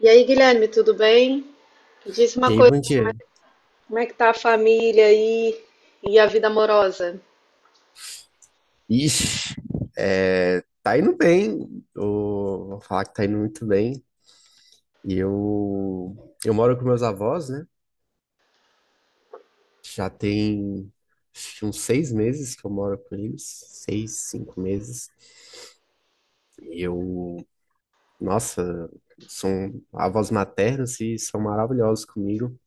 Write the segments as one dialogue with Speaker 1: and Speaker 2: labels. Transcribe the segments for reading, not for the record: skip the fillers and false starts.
Speaker 1: E aí, Guilherme, tudo bem? Diz uma
Speaker 2: Jay
Speaker 1: coisa,
Speaker 2: Vandier.
Speaker 1: como é que tá a família aí e a vida amorosa?
Speaker 2: Ixi, tá indo bem. Vou falar que tá indo muito bem. E eu moro com meus avós, né? Já tem acho que uns seis meses que eu moro com eles. Seis, cinco meses. E eu, nossa, são avós maternos e são maravilhosos comigo.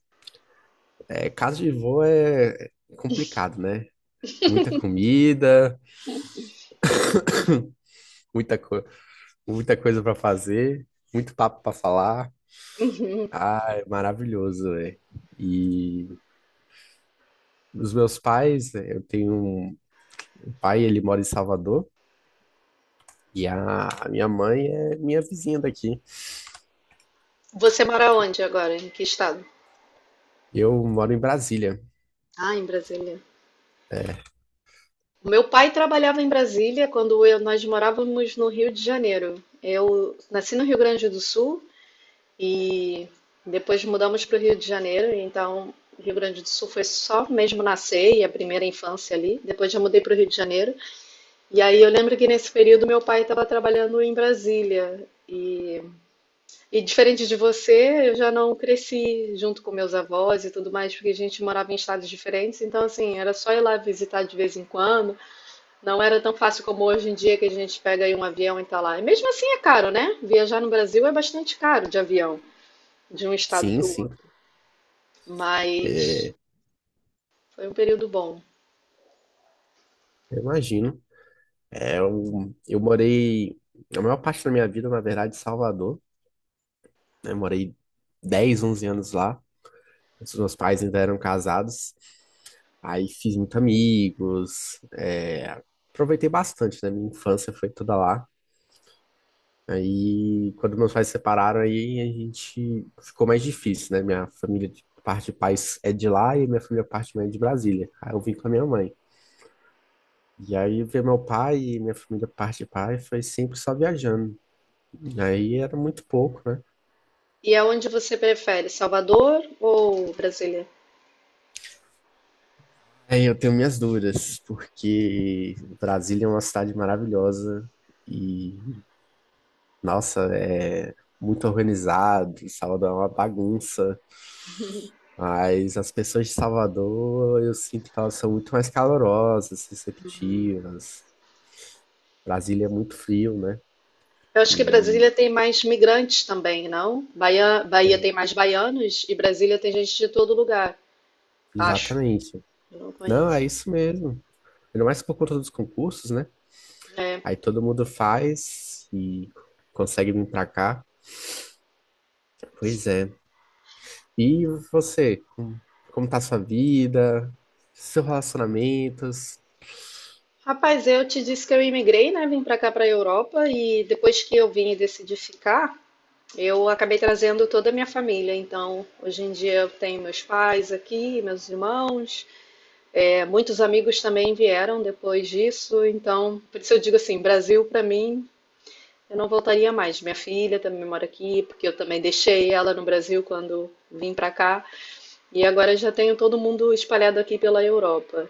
Speaker 2: É, casa de vô é complicado, né? Muita comida, muita, co- muita coisa pra fazer, muito papo pra falar.
Speaker 1: Uhum.
Speaker 2: Ah, é maravilhoso, é. E os meus pais, né, eu tenho um pai, ele mora em Salvador, e a minha mãe é minha vizinha daqui.
Speaker 1: Você mora onde agora? Em que estado?
Speaker 2: Eu moro em Brasília.
Speaker 1: Ah, em Brasília. O meu pai trabalhava em Brasília quando nós morávamos no Rio de Janeiro. Eu nasci no Rio Grande do Sul e depois mudamos para o Rio de Janeiro. Então, Rio Grande do Sul foi só mesmo nascer e a primeira infância ali. Depois já mudei para o Rio de Janeiro. E aí eu lembro que nesse período meu pai estava trabalhando em Brasília. E diferente de você, eu já não cresci junto com meus avós e tudo mais, porque a gente morava em estados diferentes, então assim, era só ir lá visitar de vez em quando. Não era tão fácil como hoje em dia que a gente pega aí um avião e tá lá. E mesmo assim é caro, né? Viajar no Brasil é bastante caro de avião, de um estado
Speaker 2: Sim,
Speaker 1: para o
Speaker 2: sim,
Speaker 1: outro. Mas
Speaker 2: é,
Speaker 1: foi um período bom.
Speaker 2: eu imagino. Eu morei, a maior parte da minha vida, na verdade, em Salvador. Né? Morei 10, 11 anos lá, quando os meus pais ainda eram casados. Aí fiz muitos amigos, é, aproveitei bastante, né? Minha infância foi toda lá. Aí, quando meus pais se separaram, aí a gente ficou mais difícil, né? Minha família de parte de pais é de lá e minha família parte de mãe é de Brasília. Aí eu vim com a minha mãe. E aí ver meu pai e minha família parte de pai foi sempre só viajando. E aí era muito pouco, né?
Speaker 1: E aonde você prefere, Salvador ou Brasília?
Speaker 2: Aí eu tenho minhas dúvidas, porque Brasília é uma cidade maravilhosa e, nossa, é muito organizado. Salvador é uma bagunça. Mas as pessoas de Salvador, eu sinto que elas são muito mais calorosas, receptivas. Brasília é muito frio, né?
Speaker 1: Eu acho que
Speaker 2: E
Speaker 1: Brasília tem mais migrantes também, não? Bahia, Bahia
Speaker 2: é,
Speaker 1: tem mais baianos e Brasília tem gente de todo lugar, acho.
Speaker 2: exatamente.
Speaker 1: Eu não
Speaker 2: Não,
Speaker 1: conheço.
Speaker 2: é isso mesmo. Ainda mais por conta dos concursos, né?
Speaker 1: É.
Speaker 2: Aí todo mundo faz e consegue vir pra cá. Pois é. E você, como, como tá a sua vida? Seus relacionamentos?
Speaker 1: Rapaz, eu te disse que eu imigrei, né? Vim pra cá, pra Europa, e depois que eu vim e decidi ficar, eu acabei trazendo toda a minha família. Então, hoje em dia eu tenho meus pais aqui, meus irmãos, é, muitos amigos também vieram depois disso. Então, por isso eu digo assim, Brasil pra mim. Eu não voltaria mais. Minha filha também mora aqui, porque eu também deixei ela no Brasil quando vim para cá. E agora já tenho todo mundo espalhado aqui pela Europa.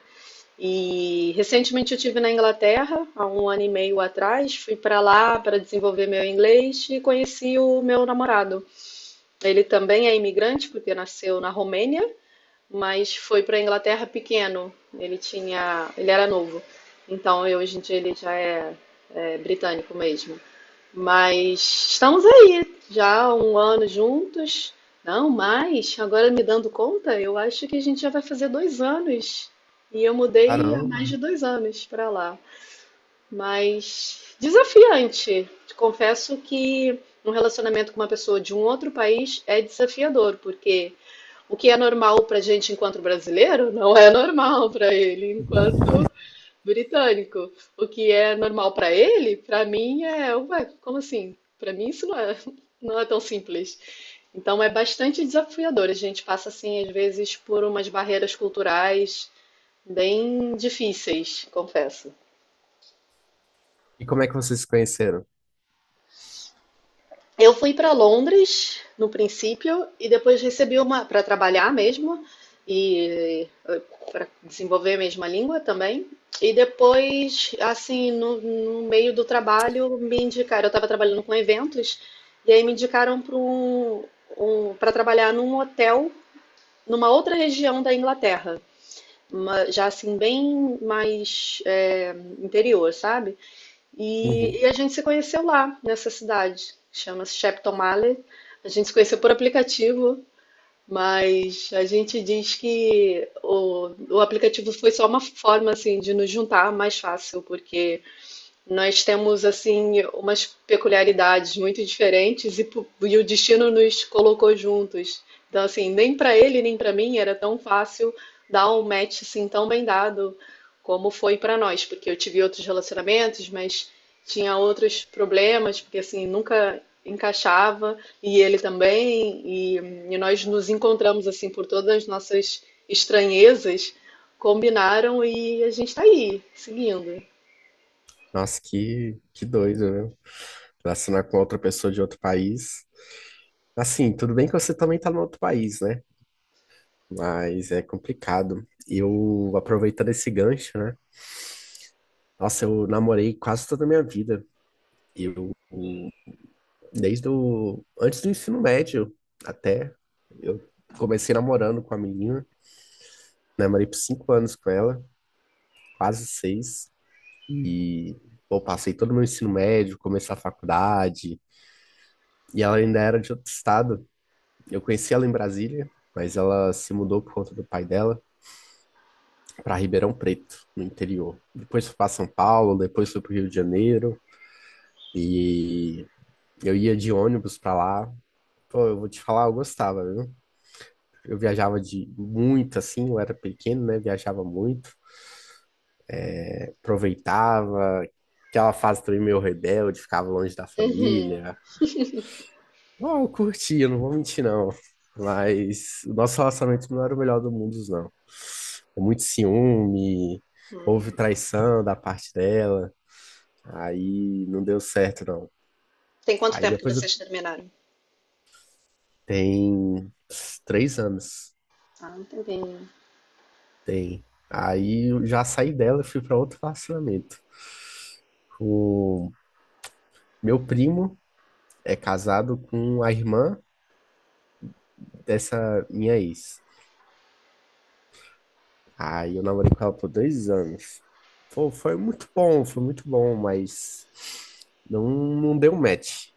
Speaker 1: E recentemente eu tive na Inglaterra, há um ano e meio atrás, fui para lá para desenvolver meu inglês e conheci o meu namorado. Ele também é imigrante, porque nasceu na Romênia, mas foi para a Inglaterra pequeno. Ele era novo. Então, hoje em dia ele já é britânico mesmo. Mas estamos aí, já há um ano juntos. Não, mais, agora me dando conta, eu acho que a gente já vai fazer 2 anos. E eu mudei há mais
Speaker 2: Caramba.
Speaker 1: de 2 anos para lá. Mas desafiante. Te confesso que um relacionamento com uma pessoa de um outro país é desafiador, porque o que é normal para gente enquanto brasileiro não é normal para ele enquanto britânico. O que é normal para ele, para mim é, ué, como assim? Para mim isso não é, não é tão simples. Então é bastante desafiador. A gente passa assim às vezes por umas barreiras culturais bem difíceis, confesso.
Speaker 2: E como é que vocês se conheceram?
Speaker 1: Eu fui para Londres no princípio e depois recebi uma para trabalhar mesmo e para desenvolver mesmo a língua também. E depois, assim, no meio do trabalho, me indicaram. Eu estava trabalhando com eventos e aí me indicaram para trabalhar num hotel numa outra região da Inglaterra, já assim bem mais é, interior, sabe?
Speaker 2: Uhum.
Speaker 1: E a gente se conheceu lá, nessa cidade, chama-se Shepton. A gente se conheceu por aplicativo, mas a gente diz que o aplicativo foi só uma forma assim de nos juntar mais fácil, porque nós temos assim umas peculiaridades muito diferentes e, e o destino nos colocou juntos. Então assim, nem para ele nem para mim era tão fácil dar um match assim tão bem dado como foi para nós, porque eu tive outros relacionamentos, mas tinha outros problemas, porque assim nunca encaixava e ele também e nós nos encontramos assim por todas as nossas estranhezas, combinaram e a gente está aí, seguindo.
Speaker 2: Nossa, que doido, né? Relacionar com outra pessoa de outro país. Assim, tudo bem que você também tá no outro país, né? Mas é complicado. Eu, aproveitando esse gancho, né? Nossa, eu namorei quase toda a minha vida. Eu, desde o, antes do ensino médio até, eu comecei namorando com a menina. Namorei por cinco anos com ela, quase seis. E, pô, passei todo o meu ensino médio, comecei a faculdade. E ela ainda era de outro estado. Eu conheci ela em Brasília, mas ela se mudou por conta do pai dela para Ribeirão Preto, no interior. Depois foi para São Paulo, depois foi para o Rio de Janeiro e eu ia de ônibus para lá. Pô, eu vou te falar, eu gostava, viu? Eu viajava de muito assim, eu era pequeno, né? Viajava muito, aproveitava aquela fase também meio rebelde, ficava longe da família. Não, eu curti, eu não vou mentir, não. Mas o nosso relacionamento não era o melhor do mundo, não. Muito ciúme, houve traição da parte dela, aí não deu certo, não.
Speaker 1: Tem quanto
Speaker 2: Aí
Speaker 1: tempo que
Speaker 2: depois eu...
Speaker 1: vocês terminaram?
Speaker 2: tem três anos,
Speaker 1: Ah, um tempinho.
Speaker 2: tem. Aí eu já saí dela e fui para outro relacionamento. O meu primo é casado com a irmã dessa minha ex. Aí eu namorei com ela por dois anos. Pô, foi muito bom, mas não, não deu match.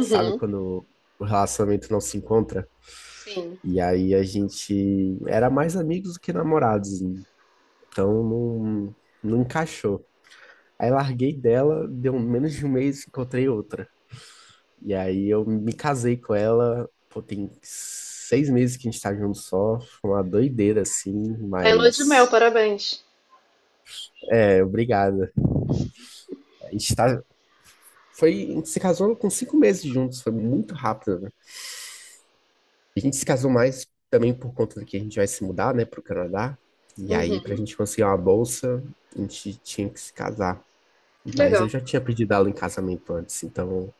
Speaker 2: Sabe quando o relacionamento não se encontra?
Speaker 1: sim.
Speaker 2: E aí a gente era mais amigos do que namorados, então não, não encaixou. Aí larguei dela, deu menos de um mês, encontrei outra. E aí eu me casei com ela, pô, tem seis meses que a gente tá junto só, foi uma doideira assim,
Speaker 1: Tá em lua de mel,
Speaker 2: mas
Speaker 1: parabéns.
Speaker 2: é, obrigado. A gente tá, foi, a gente se casou com cinco meses juntos, foi muito rápido, né? A gente se casou mais também por conta de que a gente vai se mudar, né, pro Canadá. E aí, pra
Speaker 1: Uhum,
Speaker 2: gente conseguir uma bolsa, a gente tinha que se casar.
Speaker 1: que
Speaker 2: Mas eu
Speaker 1: legal.
Speaker 2: já tinha pedido ela em casamento antes, então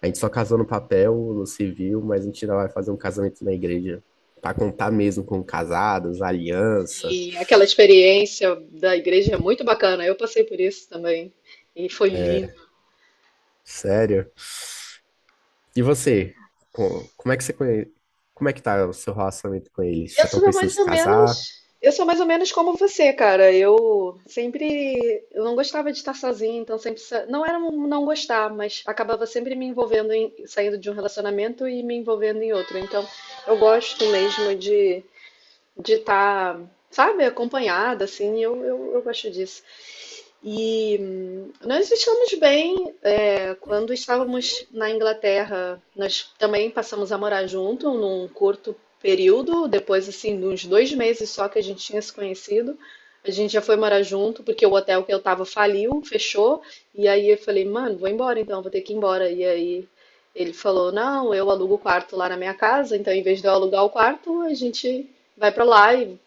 Speaker 2: a gente só casou no papel, no civil, mas a gente ainda vai fazer um casamento na igreja pra contar mesmo com casados, aliança.
Speaker 1: E aquela experiência da igreja é muito bacana. Eu passei por isso também. E foi lindo.
Speaker 2: É, sério. E você? Como é que você Como é que tá o seu relacionamento com eles?
Speaker 1: Eu
Speaker 2: Já estão
Speaker 1: sou
Speaker 2: pensando em
Speaker 1: mais
Speaker 2: se
Speaker 1: ou
Speaker 2: casar?
Speaker 1: menos. Eu sou mais ou menos como você, cara. Eu sempre. Eu não gostava de estar sozinha, então não era um não gostar, mas acabava sempre me envolvendo saindo de um relacionamento e me envolvendo em outro. Então eu gosto mesmo de estar, sabe, acompanhada, assim, eu gosto disso. E nós estamos bem. É, quando estávamos na Inglaterra, nós também passamos a morar junto num curto período, depois, assim, de uns 2 meses só que a gente tinha se conhecido. A gente já foi morar junto, porque o hotel que eu tava faliu, fechou, e aí eu falei, mano, vou embora então, vou ter que ir embora. E aí ele falou, não, eu alugo o quarto lá na minha casa, então em vez de eu alugar o quarto, a gente vai pra lá e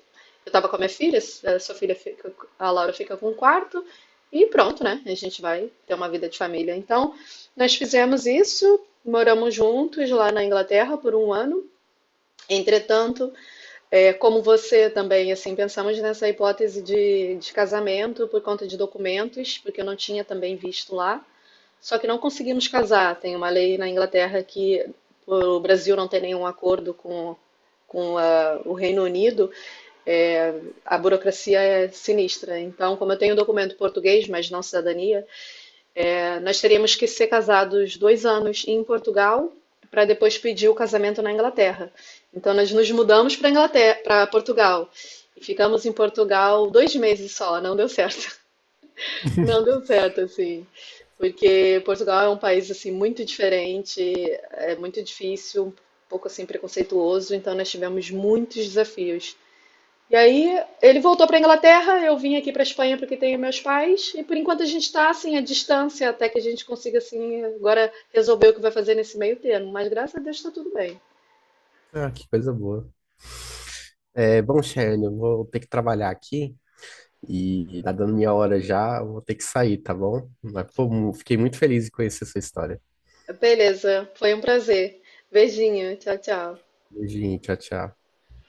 Speaker 1: eu estava com a minha filha, a sua filha fica, a Laura fica com um quarto e pronto, né? A gente vai ter uma vida de família. Então, nós fizemos isso, moramos juntos lá na Inglaterra por um ano. Entretanto, é, como você também, assim, pensamos nessa hipótese de casamento por conta de documentos, porque eu não tinha também visto lá. Só que não conseguimos casar. Tem uma lei na Inglaterra que o Brasil não tem nenhum acordo com o Reino Unido é, a burocracia é sinistra. Então, como eu tenho um documento português, mas não cidadania, é, nós teríamos que ser casados 2 anos em Portugal para depois pedir o casamento na Inglaterra. Então, nós nos mudamos para Inglaterra, para Portugal. E ficamos em Portugal 2 meses só, não deu certo. Não deu certo, assim porque Portugal é um país assim muito diferente, é muito difícil, um pouco assim preconceituoso, então nós tivemos muitos desafios. E aí ele voltou para a Inglaterra, eu vim aqui para a Espanha porque tenho meus pais, e por enquanto a gente está assim à distância até que a gente consiga assim agora resolver o que vai fazer nesse meio termo, mas graças a Deus está tudo bem.
Speaker 2: Ah, que coisa boa. É, bom, Shane, eu vou ter que trabalhar aqui e tá dando minha hora já, eu vou ter que sair, tá bom? Mas, pô, fiquei muito feliz em conhecer sua história.
Speaker 1: Beleza, foi um prazer. Beijinho, tchau, tchau.
Speaker 2: Beijinho, tchau, tchau.